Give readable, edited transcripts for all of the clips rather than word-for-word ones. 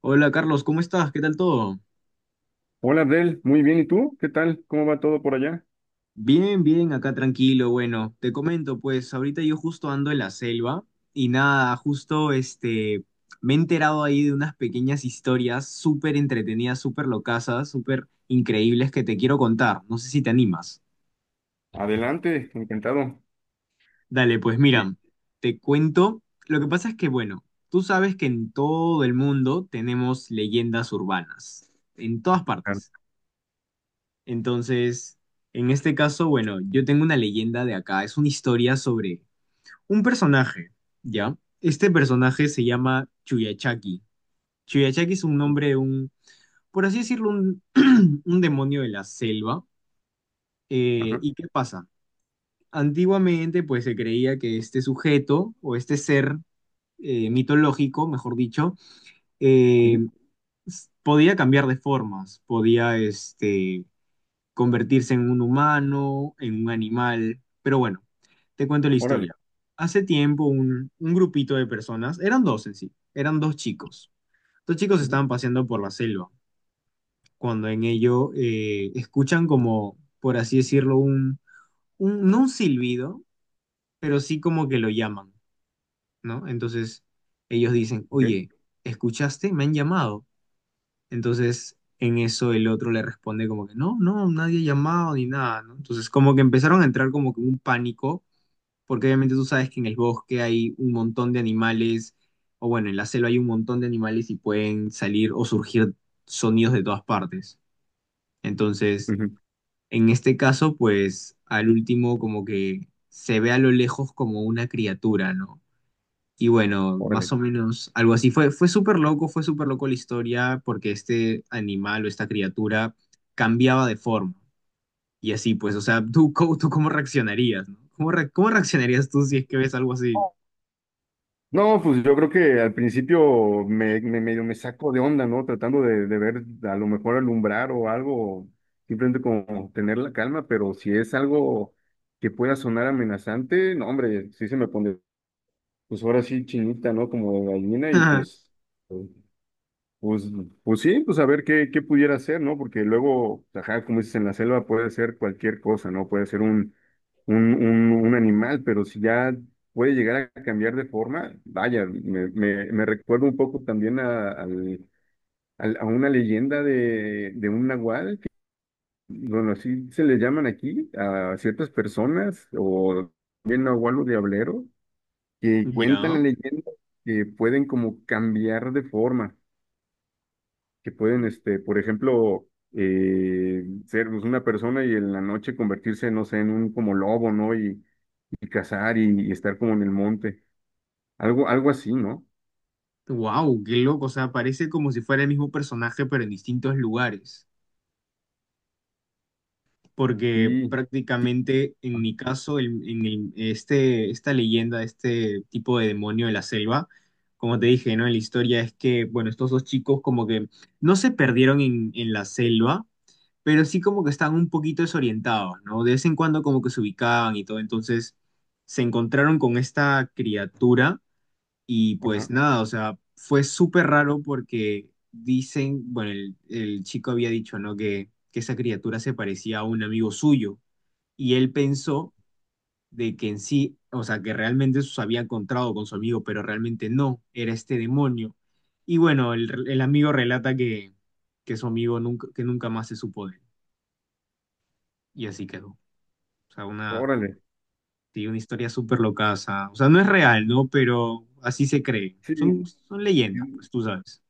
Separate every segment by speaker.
Speaker 1: Hola Carlos, ¿cómo estás? ¿Qué tal todo?
Speaker 2: Hola Abdel, muy bien, ¿y tú? ¿Qué tal? ¿Cómo va todo por allá?
Speaker 1: Bien, bien, acá tranquilo. Bueno, te comento, pues ahorita yo justo ando en la selva y nada, justo me he enterado ahí de unas pequeñas historias súper entretenidas, súper locasas, súper increíbles que te quiero contar. No sé si te animas.
Speaker 2: Adelante, encantado.
Speaker 1: Dale, pues
Speaker 2: Sí,
Speaker 1: mira, te cuento. Lo que pasa es que, bueno, tú sabes que en todo el mundo tenemos leyendas urbanas, en todas
Speaker 2: claro.
Speaker 1: partes. Entonces, en este caso, bueno, yo tengo una leyenda de acá. Es una historia sobre un personaje, ¿ya? Este personaje se llama Chuyachaki. Chuyachaki es un nombre de por así decirlo, un demonio de la selva.
Speaker 2: Ajá.
Speaker 1: ¿Y qué pasa? Antiguamente, pues se creía que este sujeto o este ser mitológico, mejor dicho, eh,
Speaker 2: Ujú.
Speaker 1: podía cambiar de formas, podía, convertirse en un humano, en un animal. Pero bueno, te cuento la
Speaker 2: Órale.
Speaker 1: historia. Hace tiempo un grupito de personas, eran dos en sí, eran dos chicos. Dos chicos
Speaker 2: Ujú.
Speaker 1: estaban paseando por la selva, cuando en ello escuchan como, por así decirlo, no un silbido, pero sí como que lo llaman, ¿no? Entonces ellos dicen,
Speaker 2: Ok.
Speaker 1: oye, ¿escuchaste? Me han llamado. Entonces, en eso el otro le responde como que no, no, nadie ha llamado ni nada, ¿no? Entonces, como que empezaron a entrar como que en un pánico, porque obviamente tú sabes que en el bosque hay un montón de animales, o bueno, en la selva hay un montón de animales y pueden salir o surgir sonidos de todas partes. Entonces,
Speaker 2: Ujú.
Speaker 1: en este caso, pues al último como que se ve a lo lejos como una criatura, ¿no? Y bueno, más
Speaker 2: Órale.
Speaker 1: o menos algo así. Fue, fue súper loco la historia porque este animal o esta criatura cambiaba de forma. Y así, pues, o sea, ¿tú, tú cómo reaccionarías, no? ¿Cómo, cómo reaccionarías tú si es que ves algo así?
Speaker 2: No, pues yo creo que al principio medio me saco de onda, ¿no? Tratando de ver a lo mejor alumbrar o algo, simplemente como tener la calma, pero si es algo que pueda sonar amenazante, no, hombre, sí se me pone, pues ahora sí chinita, ¿no? Como de gallina y pues pues, pues sí, pues a ver qué pudiera hacer, ¿no? Porque luego, ajá, como dices, en la selva puede ser cualquier cosa, ¿no? Puede ser un animal, pero si ya puede llegar a cambiar de forma, vaya, me recuerda un poco también a, a una leyenda de un nahual, que, bueno, así se le llaman aquí a ciertas personas, o bien nahual o diablero, que cuentan
Speaker 1: ¿Ya?
Speaker 2: la leyenda que pueden como cambiar de forma que pueden, este, por ejemplo, ser pues, una persona y en la noche convertirse, no sé, en un como lobo, ¿no? Y cazar y estar como en el monte. Algo así, ¿no?
Speaker 1: Wow, qué loco. O sea, parece como si fuera el mismo personaje, pero en distintos lugares. Porque
Speaker 2: Sí,
Speaker 1: prácticamente en mi caso, esta leyenda, este tipo de demonio de la selva, como te dije, ¿no? En la historia es que, bueno, estos dos chicos como que no se perdieron en la selva, pero sí como que estaban un poquito desorientados, ¿no? De vez en cuando como que se ubicaban y todo, entonces se encontraron con esta criatura y pues
Speaker 2: ajá,
Speaker 1: nada, o sea, fue súper raro porque dicen, bueno, el chico había dicho, ¿no? Que esa criatura se parecía a un amigo suyo y él pensó de que en sí, o sea, que realmente se había encontrado con su amigo, pero realmente no, era este demonio. Y bueno, el amigo relata que su amigo nunca, que nunca más se supo de él y así quedó. O sea, una,
Speaker 2: órale.
Speaker 1: sí, una historia súper loca, o sea, no es real, ¿no? Pero así se cree.
Speaker 2: Sí,
Speaker 1: Son, son leyendas,
Speaker 2: sí,
Speaker 1: pues tú sabes.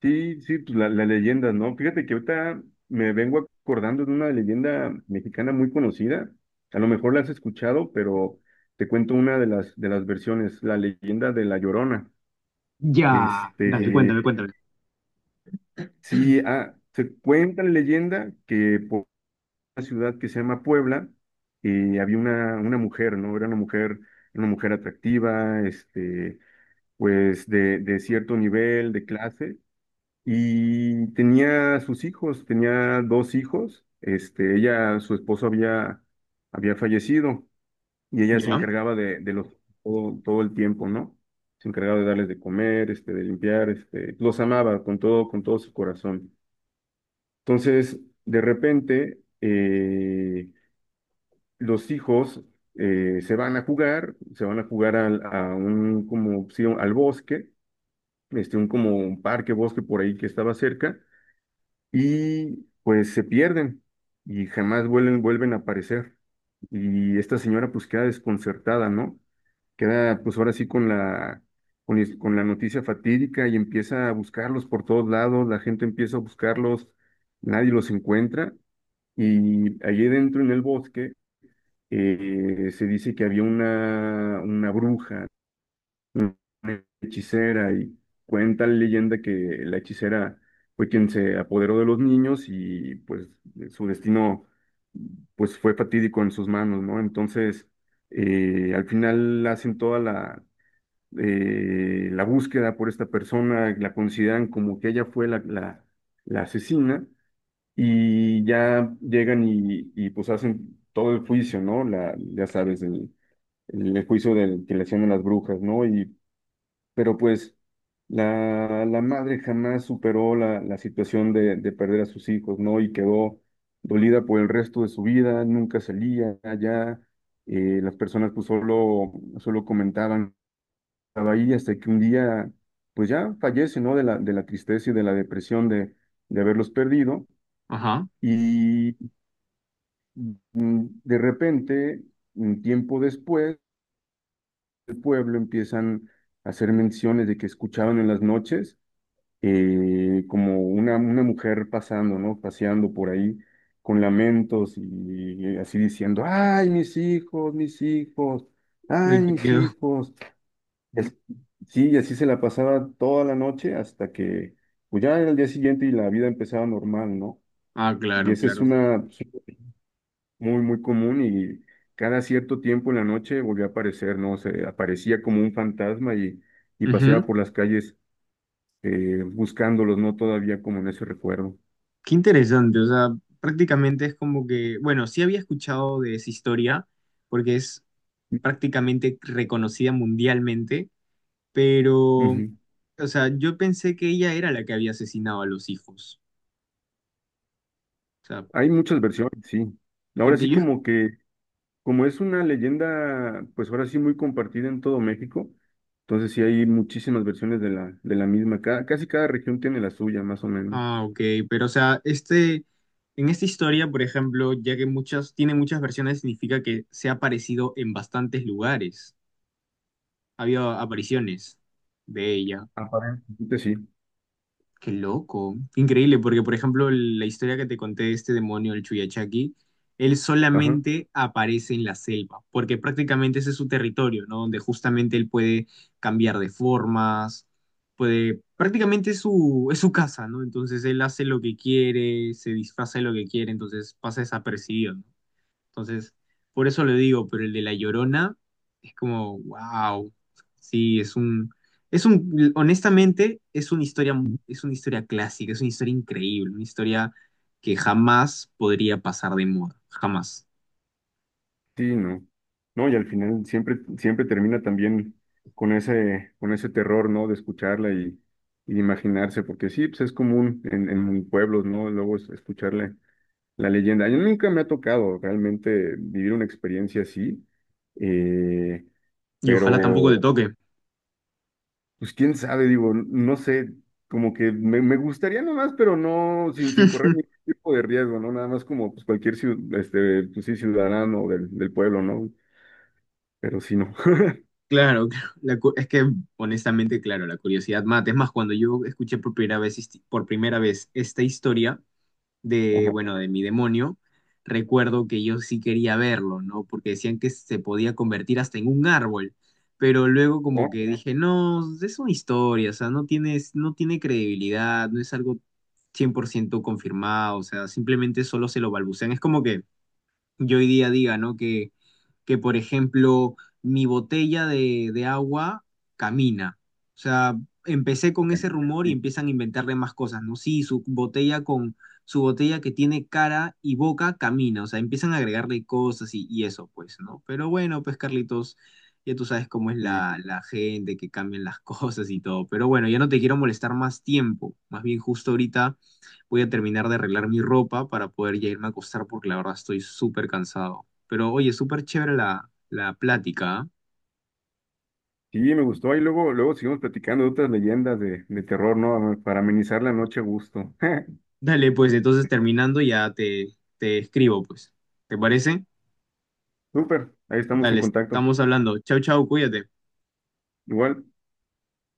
Speaker 2: sí, sí, pues la leyenda, ¿no? Fíjate que ahorita me vengo acordando de una leyenda mexicana muy conocida. A lo mejor la has escuchado, pero te cuento una de las versiones, la leyenda de La Llorona.
Speaker 1: Ya, dale,
Speaker 2: Este,
Speaker 1: cuéntame, cuéntame.
Speaker 2: sí, ah, se cuenta la leyenda que por una ciudad que se llama Puebla, había una mujer, ¿no? Era una mujer atractiva, este, pues de cierto nivel, de clase, y tenía sus hijos, tenía dos hijos, este, ella, su esposo había fallecido, y ella se
Speaker 1: Ya,
Speaker 2: encargaba de los, todo, todo el tiempo, ¿no? Se encargaba de darles de comer, este, de limpiar, este, los amaba con todo su corazón. Entonces, de repente, los hijos se van a jugar, se van a jugar al, a un, como, sí, al bosque, este, un, como un parque, bosque por ahí que estaba cerca, y pues se pierden y jamás vuelven a aparecer. Y esta señora pues queda desconcertada, ¿no? Queda pues ahora sí con la, con la noticia fatídica y empieza a buscarlos por todos lados, la gente empieza a buscarlos, nadie los encuentra y allí dentro en el bosque se dice que había una bruja, una hechicera, y cuenta la leyenda que la hechicera fue quien se apoderó de los niños y pues su destino pues fue fatídico en sus manos, ¿no? Entonces, al final hacen toda la, la búsqueda por esta persona, la consideran como que ella fue la asesina y ya llegan y, pues hacen todo el juicio, ¿no? La, ya sabes, el juicio de que le hacían a las brujas, ¿no? Y, pero pues la madre jamás superó la situación de perder a sus hijos, ¿no? Y quedó dolida por el resto de su vida, nunca salía allá, las personas pues solo comentaban, estaba ahí hasta que un día, pues ya fallece, ¿no? De la tristeza y de la depresión de haberlos perdido.
Speaker 1: ajá.
Speaker 2: Mm. De repente, un tiempo después, el pueblo empiezan a hacer menciones de que escuchaban en las noches como una mujer pasando, ¿no? Paseando por ahí con lamentos y, así diciendo, ay, mis hijos,
Speaker 1: Ay,
Speaker 2: ay,
Speaker 1: qué
Speaker 2: mis
Speaker 1: miedo.
Speaker 2: hijos. Es- sí, y así se la pasaba toda la noche hasta que, pues ya era el día siguiente y la vida empezaba normal, ¿no?
Speaker 1: Ah,
Speaker 2: Y
Speaker 1: claro,
Speaker 2: esa es
Speaker 1: claro.
Speaker 2: una, muy común y cada cierto tiempo en la noche volvía a aparecer, ¿no? Se aparecía como un fantasma y
Speaker 1: Ujú.
Speaker 2: paseaba por las calles buscándolos, ¿no? Todavía como en ese recuerdo.
Speaker 1: Qué interesante, o sea, prácticamente es como que, bueno, sí había escuchado de esa historia, porque es prácticamente reconocida mundialmente, pero,
Speaker 2: Ujú.
Speaker 1: o sea, yo pensé que ella era la que había asesinado a los hijos. O sea,
Speaker 2: Hay muchas versiones, sí. Ahora
Speaker 1: porque
Speaker 2: sí
Speaker 1: yo...
Speaker 2: como que, como es una leyenda, pues ahora sí muy compartida en todo México, entonces sí hay muchísimas versiones de la misma. Cada, casi cada región tiene la suya, más o menos.
Speaker 1: Ah, ok, pero, o sea, en esta historia, por ejemplo, ya que muchas, tiene muchas versiones, significa que se ha aparecido en bastantes lugares. Había apariciones de ella.
Speaker 2: Aparentemente sí.
Speaker 1: Qué loco. Qué increíble, porque por ejemplo, la historia que te conté de este demonio, el Chuyachaki, él
Speaker 2: Ajá.
Speaker 1: solamente aparece en la selva, porque prácticamente ese es su territorio, ¿no? Donde justamente él puede cambiar de formas, puede, prácticamente es su casa, ¿no? Entonces él hace lo que quiere, se disfraza de lo que quiere, entonces pasa desapercibido, ¿no? Entonces, por eso lo digo, pero el de La Llorona es como, wow, sí, honestamente, es una historia clásica, es una historia increíble, una historia que jamás podría pasar de moda, jamás.
Speaker 2: Sí, no. No, y al final siempre, siempre termina también con ese terror, ¿no? De escucharla y de imaginarse, porque sí, pues es común en pueblos, ¿no? Luego escucharle la leyenda. Yo nunca me ha tocado realmente vivir una experiencia así, eh,
Speaker 1: Y ojalá Claro. tampoco te
Speaker 2: pero
Speaker 1: toque.
Speaker 2: pues quién sabe, digo, no sé, como que me gustaría nomás, pero no, sin correr ningún tipo de riesgo, ¿no? Nada más como pues, cualquier este, pues, sí, ciudadano del pueblo, ¿no? Pero sí, no.
Speaker 1: Claro, claro. Es que honestamente, claro, la curiosidad mata. Es más, cuando yo escuché por primera vez, por primera vez esta historia, de, bueno, de mi demonio, recuerdo que yo sí quería verlo, ¿no? Porque decían que se podía convertir hasta en un árbol, pero luego como
Speaker 2: Oh,
Speaker 1: que dije, no, es una historia, o sea, no tienes, no tiene credibilidad, no es algo 100% confirmado, o sea, simplemente solo se lo balbucean. Es como que yo hoy día diga, ¿no? Que por ejemplo, mi botella de agua camina. O sea, empecé con ese
Speaker 2: eh,
Speaker 1: rumor y empiezan a inventarle más cosas, ¿no? Sí, su botella que tiene cara y boca camina. O sea, empiezan a agregarle cosas y eso, pues, ¿no? Pero bueno, pues, Carlitos, ya tú sabes cómo es
Speaker 2: eh,
Speaker 1: la gente, que cambian las cosas y todo. Pero bueno, ya no te quiero molestar más tiempo. Más bien, justo ahorita. Voy a terminar de arreglar mi ropa para poder ya irme a acostar porque la verdad estoy súper cansado. Pero oye, súper chévere la plática. ¿Ah?
Speaker 2: sí, me gustó. Ahí luego, luego seguimos platicando de otras leyendas de terror, ¿no? Para amenizar la noche a gusto.
Speaker 1: Dale, pues entonces terminando ya te escribo, pues. ¿Te parece?
Speaker 2: Súper, ahí estamos en
Speaker 1: Dale,
Speaker 2: contacto.
Speaker 1: estamos hablando. Chau, chau, cuídate.
Speaker 2: Igual.